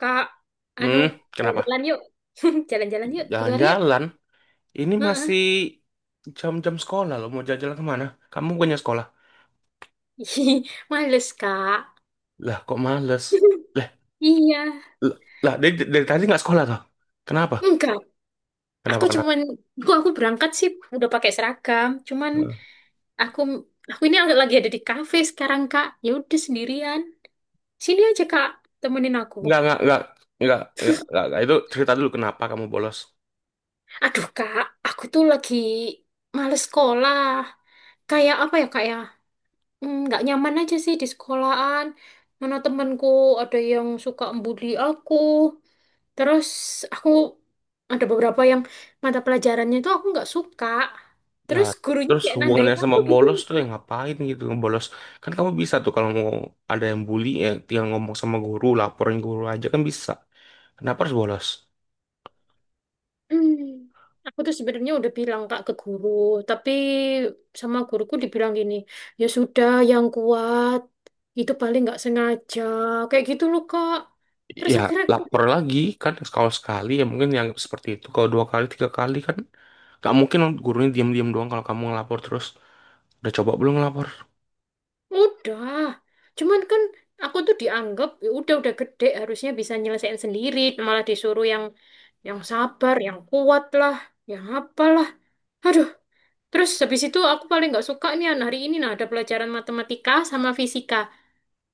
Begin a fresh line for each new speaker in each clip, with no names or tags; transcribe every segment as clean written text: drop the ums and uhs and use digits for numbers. Kak, anu,
Hmm,
mau
kenapa?
jalan yuk. Jalan-jalan yuk, keluar yuk.
Jalan-jalan. Ini masih
Heeh.
jam-jam sekolah loh. Mau jalan-jalan kemana? Kamu punya sekolah.
Ih, males, Kak.
Lah, kok males? Lah,
Iya.
l- lah dari tadi nggak sekolah toh? Kenapa?
Enggak.
Kenapa,
Aku
kenapa?
cuman, aku berangkat sih udah pakai seragam. Cuman aku aku ini lagi ada di kafe sekarang, Kak. Ya udah sendirian. Sini aja, Kak. Temenin aku.
Nggak, nggak, nggak, nggak, nggak. Itu cerita dulu kenapa kamu bolos.
Aduh, Kak, aku tuh lagi males sekolah. Kayak apa ya, Kak ya? Nggak nyaman aja sih di sekolahan. Mana temanku, ada yang suka membuli aku. Terus aku ada beberapa yang mata pelajarannya itu aku nggak suka.
Ya,
Terus gurunya
terus
kayak
hubungannya
nandain aku
sama
gitu
bolos
loh,
tuh yang
Kak.
ngapain gitu bolos. Kan kamu bisa tuh kalau mau ada yang bully, ya tinggal ngomong sama guru, laporin guru aja kan bisa. Kenapa harus bolos?
Hmm. Aku tuh sebenarnya udah bilang Kak ke guru, tapi sama guruku dibilang gini, ya sudah yang kuat, itu paling nggak sengaja, kayak gitu loh Kak. Terus
Ya
akhirnya
lapor lagi kan, kalau sekali ya mungkin yang seperti itu. Kalau dua kali tiga kali kan gak mungkin gurunya diam-diam doang kalau kamu ngelapor terus. Udah coba belum ngelapor?
udah, cuman kan aku tuh dianggap "Ya udah gede harusnya bisa nyelesain sendiri, malah disuruh yang sabar, yang kuat lah, yang apalah. Aduh, terus habis itu aku paling nggak suka nih An, hari ini nah ada pelajaran matematika sama fisika.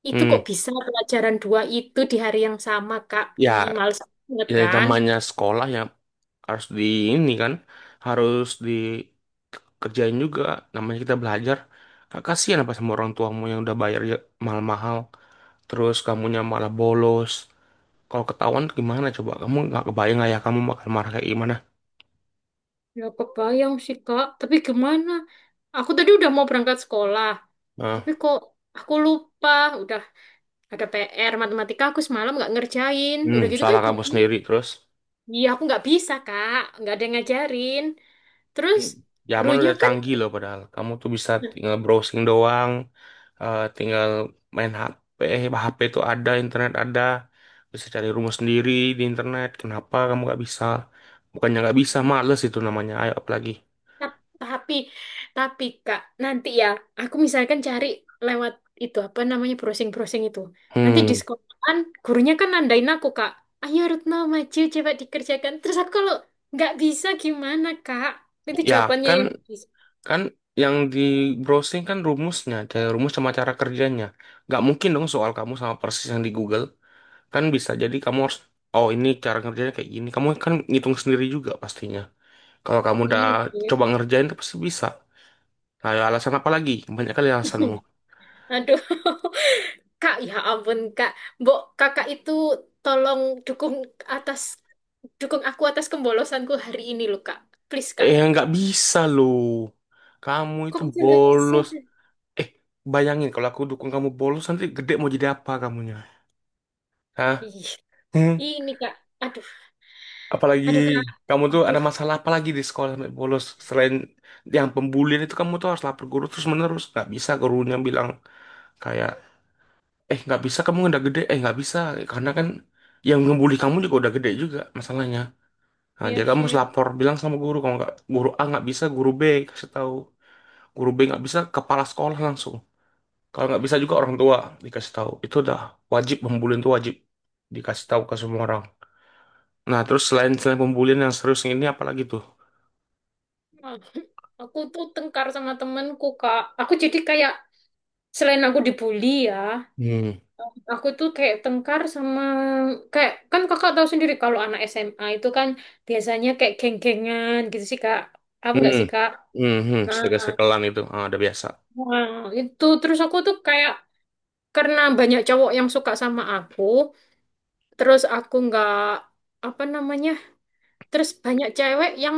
Itu kok
hmm
bisa pelajaran dua itu di hari yang sama, Kak?
ya
Ih, males banget
ya
kan?
namanya sekolah, ya harus di ini kan, harus dikerjain juga, namanya kita belajar. Gak kasihan apa sama orang tuamu yang udah bayar ya, mahal-mahal, terus kamunya malah bolos? Kalau ketahuan gimana coba? Kamu nggak kebayang ayah kamu bakal marah kayak gimana.
Ya kebayang sih, Kak. Tapi gimana? Aku tadi udah mau berangkat sekolah,
Nah,
tapi kok aku lupa udah ada PR matematika aku semalam nggak ngerjain. Udah gitu kan
salah kamu
gurunya,
sendiri. Terus...
iya aku nggak bisa, Kak. Nggak ada yang ngajarin. Terus
Hmm, Zaman
gurunya
udah
kan.
canggih loh padahal. Kamu tuh bisa tinggal browsing doang, eh, tinggal main HP, HP tuh ada, internet ada. Bisa cari rumah sendiri di internet. Kenapa kamu gak bisa? Bukannya gak bisa, males itu namanya. Ayo apalagi.
Tap- Tapi, tapi, Kak, nanti ya, aku misalkan cari lewat itu apa namanya browsing-browsing itu. Nanti di
Hmm,
sekolahan, gurunya kan nandain aku Kak, ayo Retno maju coba dikerjakan. Terus aku kalau nggak bisa gimana Kak? Itu
Ya,
jawabannya
kan
yang bisa.
kan yang di browsing kan rumusnya, kayak rumus sama cara kerjanya. Gak mungkin dong soal kamu sama persis yang di Google. Kan bisa jadi kamu harus, oh, ini cara kerjanya kayak gini. Kamu kan ngitung sendiri juga pastinya. Kalau kamu udah
Iya sih.
coba ngerjain tuh pasti bisa. Nah, ya, alasan apa lagi? Banyak kali alasanmu.
Aduh, Kak, ya ampun Kak, Mbok Kakak itu tolong atas dukung aku atas kembolosanku hari ini loh Kak. Please Kak.
Eh, nggak bisa loh. Kamu itu
Kok bisa nggak bisa?
bolos. Eh, bayangin kalau aku dukung kamu bolos, nanti gede mau jadi apa kamunya? Hah?
Ih.
Hmm?
Ini Kak, aduh,
Apalagi
aduh Kak,
kamu tuh ada
aduh,
masalah apa lagi di sekolah sampai bolos selain yang pembulian itu? Kamu tuh harus lapor guru terus menerus, nggak bisa gurunya bilang kayak, eh, nggak bisa, kamu udah gede, eh, nggak bisa, karena kan yang ngebully kamu juga udah gede juga masalahnya. Nah,
iya
jadi kamu
sih.
harus lapor, bilang sama guru. Kalau nggak guru A nggak bisa, guru B kasih tahu. Guru B nggak bisa, kepala sekolah langsung. Kalau nggak bisa juga, orang tua dikasih tahu. Itu udah wajib, pembulian itu wajib dikasih tahu ke semua orang. Nah terus, selain selain pembulian yang serius ini, apalagi tuh?
Ah, aku tuh tengkar sama temenku Kak. Aku jadi kayak selain aku dibully ya,
Hmm.
aku tuh kayak tengkar sama kayak kan Kakak tahu sendiri kalau anak SMA itu kan biasanya kayak geng-gengan gitu sih Kak. Aku nggak
Hmm.
sih Kak?
Hmm, hmm.
Nah,
Segel-segelan itu, ah, udah biasa.
nah, itu terus aku tuh kayak karena banyak cowok yang suka sama aku, terus aku nggak apa namanya. Terus banyak cewek yang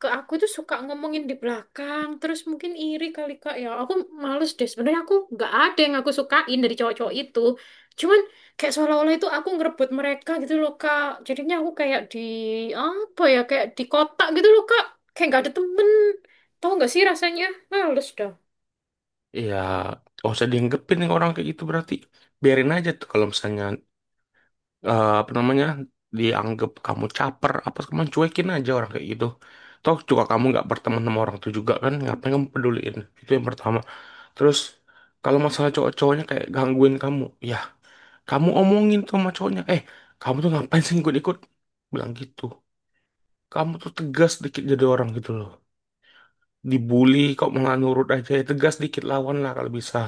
ke aku tuh suka ngomongin di belakang. Terus mungkin iri kali Kak ya. Aku males deh. Sebenarnya aku nggak ada yang aku sukain dari cowok-cowok itu. Cuman kayak seolah-olah itu aku ngerebut mereka gitu loh Kak. Jadinya aku kayak di apa ya kayak di kotak gitu loh Kak. Kayak nggak ada temen. Tahu nggak sih rasanya? Males dah.
Iya, gak usah dianggepin nih orang kayak gitu berarti. Biarin aja tuh, kalau misalnya, eh, apa namanya, dianggap kamu caper apa, kamu cuekin aja orang kayak gitu. Toh juga kamu nggak berteman sama orang itu juga kan, ngapain kamu peduliin? Itu yang pertama. Terus, kalau masalah cowok-cowoknya kayak gangguin kamu, ya kamu omongin tuh sama cowoknya, eh, kamu tuh ngapain sih ikut-ikut, bilang gitu. Kamu tuh tegas dikit jadi orang gitu loh. Dibully kok malah nurut aja, ya tegas dikit, lawan lah kalau bisa.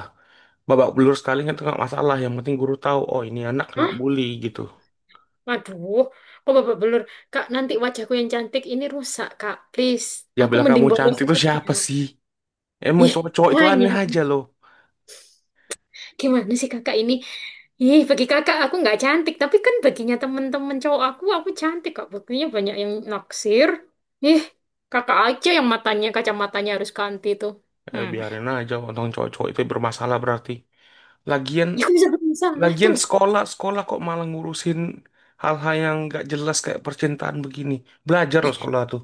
Babak belur sekali kan itu nggak masalah, yang penting guru tahu oh ini anak kena
Hah?
bully gitu.
Aduh, kok babak belur? Kak, nanti wajahku yang cantik ini rusak, Kak. Please,
Yang
aku
bilang kamu
mending bolos
cantik tuh
aja.
siapa sih? Emang
Ih,
cowok-cowok itu
nanya.
aneh aja loh.
Gimana sih kakak ini? Ih, bagi kakak aku nggak cantik, tapi kan baginya temen-temen cowok aku cantik kok. Buktinya banyak yang naksir. Ih, kakak aja yang matanya, kacamatanya harus ganti tuh.
Eh,
Hmm.
biarin aja, tentang cowok-cowok itu bermasalah berarti. Lagian,
Ya aku bisa bermasalah
lagian
tuh.
sekolah kok malah ngurusin hal-hal yang nggak jelas kayak percintaan begini. Belajar loh,
Ih,
sekolah tuh.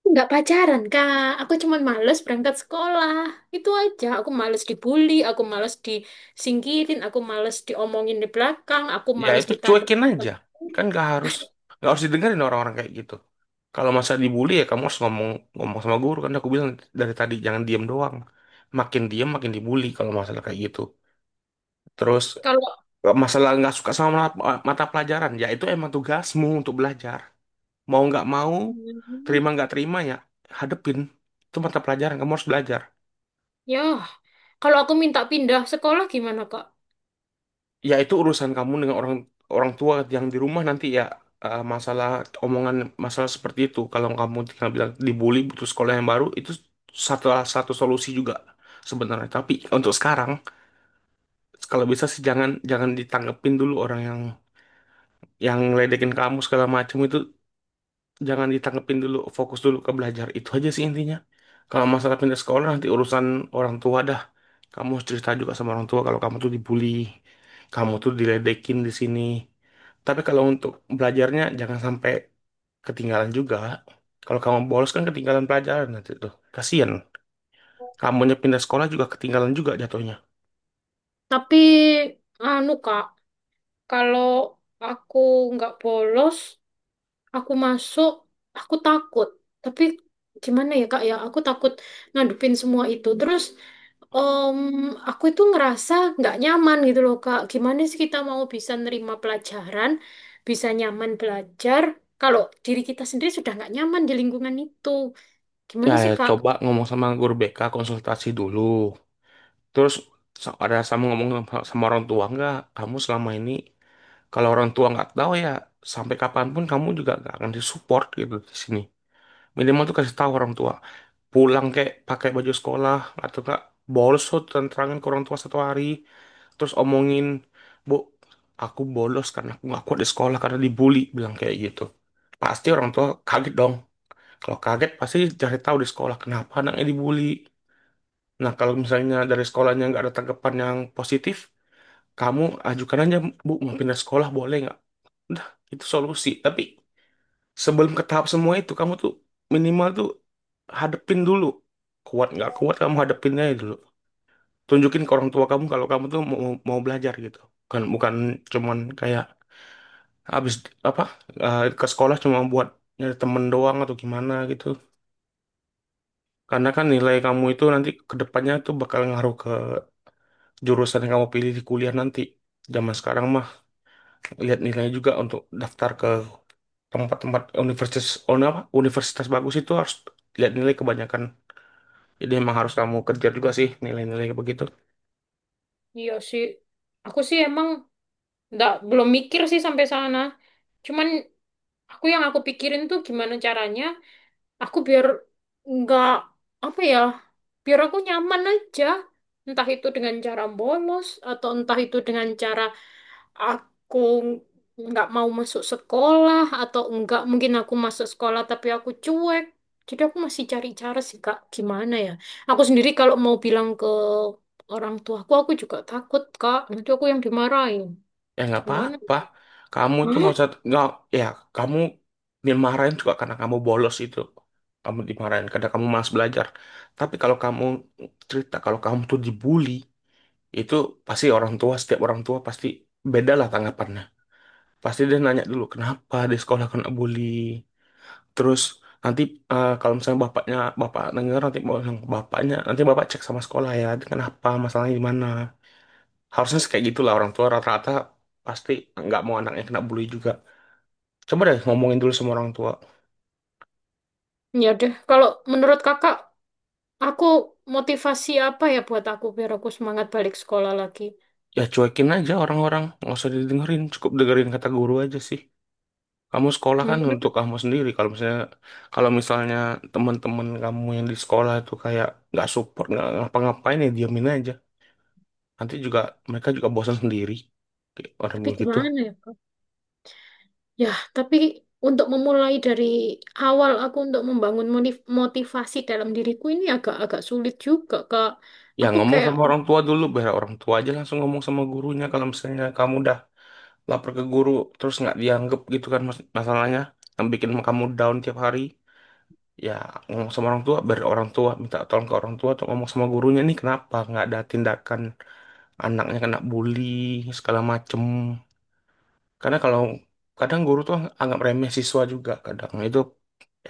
aku nggak pacaran, Kak. Aku cuman males berangkat sekolah. Itu aja. Aku males dibully, aku males disingkirin, aku males diomongin di belakang, aku
Ya
males
itu
ditanduk.
cuekin aja. Kan nggak harus, nggak harus didengerin orang-orang kayak gitu. Kalau masa dibully ya kamu harus ngomong ngomong sama guru. Kan aku bilang dari tadi, jangan diem doang. Makin diem makin dibully kalau masalah kayak gitu. Terus,
Kalau.
nggak masalah nggak suka sama mata mata pelajaran, ya itu emang tugasmu untuk belajar. Mau nggak mau,
Hmm,
terima nggak terima ya, hadepin. Itu mata pelajaran, kamu harus belajar.
Ya, kalau aku minta pindah sekolah gimana, Kak?
Ya itu urusan kamu dengan orang orang tua yang di rumah nanti ya, eh, masalah omongan, masalah seperti itu. Kalau kamu tinggal bilang dibully butuh sekolah yang baru, itu satu satu solusi juga sebenarnya. Tapi untuk sekarang, kalau bisa sih jangan jangan ditanggepin dulu orang yang ledekin kamu segala macam itu. Jangan ditanggepin dulu, fokus dulu ke belajar, itu aja sih intinya. Kalau masalah pindah sekolah nanti urusan orang tua dah. Kamu harus cerita juga sama orang tua kalau kamu tuh dibully, kamu tuh diledekin di sini. Tapi kalau untuk belajarnya jangan sampai ketinggalan juga. Kalau kamu bolos kan ketinggalan pelajaran nanti tuh, kasian kamunya, pindah sekolah juga ketinggalan juga jatuhnya.
Tapi, anu Kak, kalau aku nggak bolos, aku masuk, aku takut. Tapi gimana ya Kak ya, aku takut ngadupin semua itu. Terus, em, aku itu ngerasa nggak nyaman gitu loh Kak. Gimana sih kita mau bisa nerima pelajaran, bisa nyaman belajar, kalau diri kita sendiri sudah nggak nyaman di lingkungan itu.
Ya,
Gimana
ya
sih Kak?
coba ngomong sama guru BK, konsultasi dulu. Terus, ada sama ngomong sama sama orang tua nggak kamu selama ini? Kalau orang tua nggak tahu ya, sampai kapanpun kamu juga nggak akan disupport gitu di sini. Minimal tuh kasih tahu orang tua. Pulang kayak pakai baju sekolah atau nggak bolos tuh, terangin ke orang tua satu hari. Terus omongin, Bu, aku bolos karena aku nggak kuat di sekolah karena dibully. Bilang kayak gitu. Pasti orang tua kaget dong. Kalau kaget pasti cari tahu di sekolah kenapa anaknya dibully. Nah, kalau misalnya dari sekolahnya nggak ada tanggapan yang positif, kamu ajukan aja, Bu, mau pindah sekolah boleh nggak? Udah, itu solusi. Tapi sebelum ke tahap semua itu, kamu tuh minimal tuh hadepin dulu. Kuat nggak kuat, kamu hadepin aja dulu. Tunjukin ke orang tua kamu kalau kamu tuh mau belajar gitu. Kan bukan cuman kayak habis, apa, eh, ke sekolah cuma buat nyari temen doang atau gimana gitu. Karena kan nilai kamu itu nanti ke depannya tuh bakal ngaruh ke jurusan yang kamu pilih di kuliah nanti. Zaman sekarang mah lihat nilai juga, untuk daftar ke tempat-tempat universitas, oh, apa, universitas bagus itu harus lihat nilai kebanyakan. Jadi emang harus kamu kejar juga sih nilai-nilai begitu.
Iya sih, aku sih emang nggak belum mikir sih sampai sana. Cuman aku yang aku pikirin tuh gimana caranya aku biar nggak apa ya, biar aku nyaman aja, entah itu dengan cara bolos atau entah itu dengan cara aku nggak mau masuk sekolah atau enggak mungkin aku masuk sekolah tapi aku cuek. Jadi aku masih cari cara sih Kak gimana ya, aku sendiri kalau mau bilang ke orang tuaku aku juga takut Kak, nanti aku yang dimarahin
Ya nggak
gimana.
apa-apa. Kamu itu
Hah?
nggak usah, nggak, ya, kamu dimarahin juga karena kamu bolos itu, kamu dimarahin karena kamu malas belajar. Tapi kalau kamu cerita kalau kamu tuh dibully, itu pasti orang tua, setiap orang tua pasti beda lah tanggapannya. Pasti dia nanya dulu kenapa di sekolah kena bully. Terus nanti, eh, kalau misalnya bapaknya, bapak denger nanti mau bilang ke bapaknya, nanti bapak cek sama sekolah ya, kenapa, masalahnya di mana. Harusnya sih kayak gitulah orang tua rata-rata. Pasti nggak mau anaknya kena bully juga. Coba deh ngomongin dulu sama orang tua.
Ya deh kalau menurut Kakak, aku motivasi apa ya buat aku biar aku semangat balik sekolah lagi?
Ya cuekin aja orang-orang, nggak usah didengerin, cukup dengerin kata guru aja sih. Kamu sekolah kan untuk
Hmm,
kamu sendiri. Kalau misalnya, kalau misalnya teman-teman kamu yang di sekolah itu kayak nggak support, nggak ngapa-ngapain, ya diamin aja. Nanti juga mereka juga bosan sendiri. Kayak orang
tapi
begitu.
gimana ya, Kak? Ya, tapi untuk memulai dari awal aku untuk membangun motivasi dalam diriku ini agak-agak sulit juga, Kak.
Ya
Aku
ngomong
kayak,
sama orang tua dulu, biar orang tua aja langsung ngomong sama gurunya. Kalau misalnya kamu udah lapor ke guru, terus nggak dianggap gitu kan masalahnya, yang bikin kamu down tiap hari. Ya ngomong sama orang tua, biar orang tua minta tolong, ke orang tua atau ngomong sama gurunya nih kenapa nggak ada tindakan, anaknya kena bully segala macem. Karena kalau kadang guru tuh anggap remeh siswa juga kadang, itu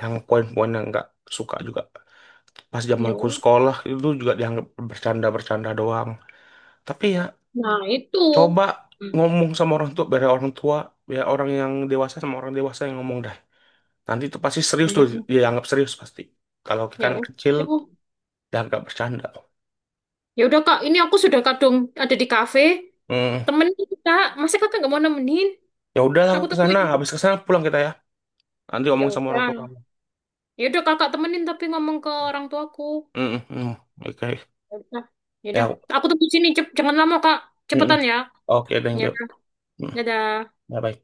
yang poin-poin yang nggak suka juga. Pas zaman
ya,
zamanku sekolah itu juga dianggap bercanda-bercanda doang. Tapi ya,
nah itu.
coba
Hmm,
ngomong sama orang tua, biar orang tua, biar orang yang dewasa sama orang dewasa yang ngomong dah. Nanti itu pasti serius tuh, dia anggap serius pasti. Kalau kita
Ya
anak
udah.
kecil, dianggap bercanda.
Ya udah, Kak, ini aku sudah kadung ada di kafe.
Hmm,
Temenin, kita. Masa Kakak nggak mau nemenin?
ya udahlah, aku
Aku
ke sana,
tungguin.
habis ke sana pulang kita ya. Nanti
Ya
ngomong sama orang tua
udah.
kamu.
Ya udah, Kakak temenin tapi ngomong ke orang tuaku.
Hmm, hmm, hmm. Oke.
Ya udah, ya
Ya,
udah. Aku tunggu sini, Cep. Jangan lama, Kak.
hmm, hmm.
Cepetan ya.
Oke, thank
Ya,
you.
Yaudah,
Hmm,
dadah.
bye-bye.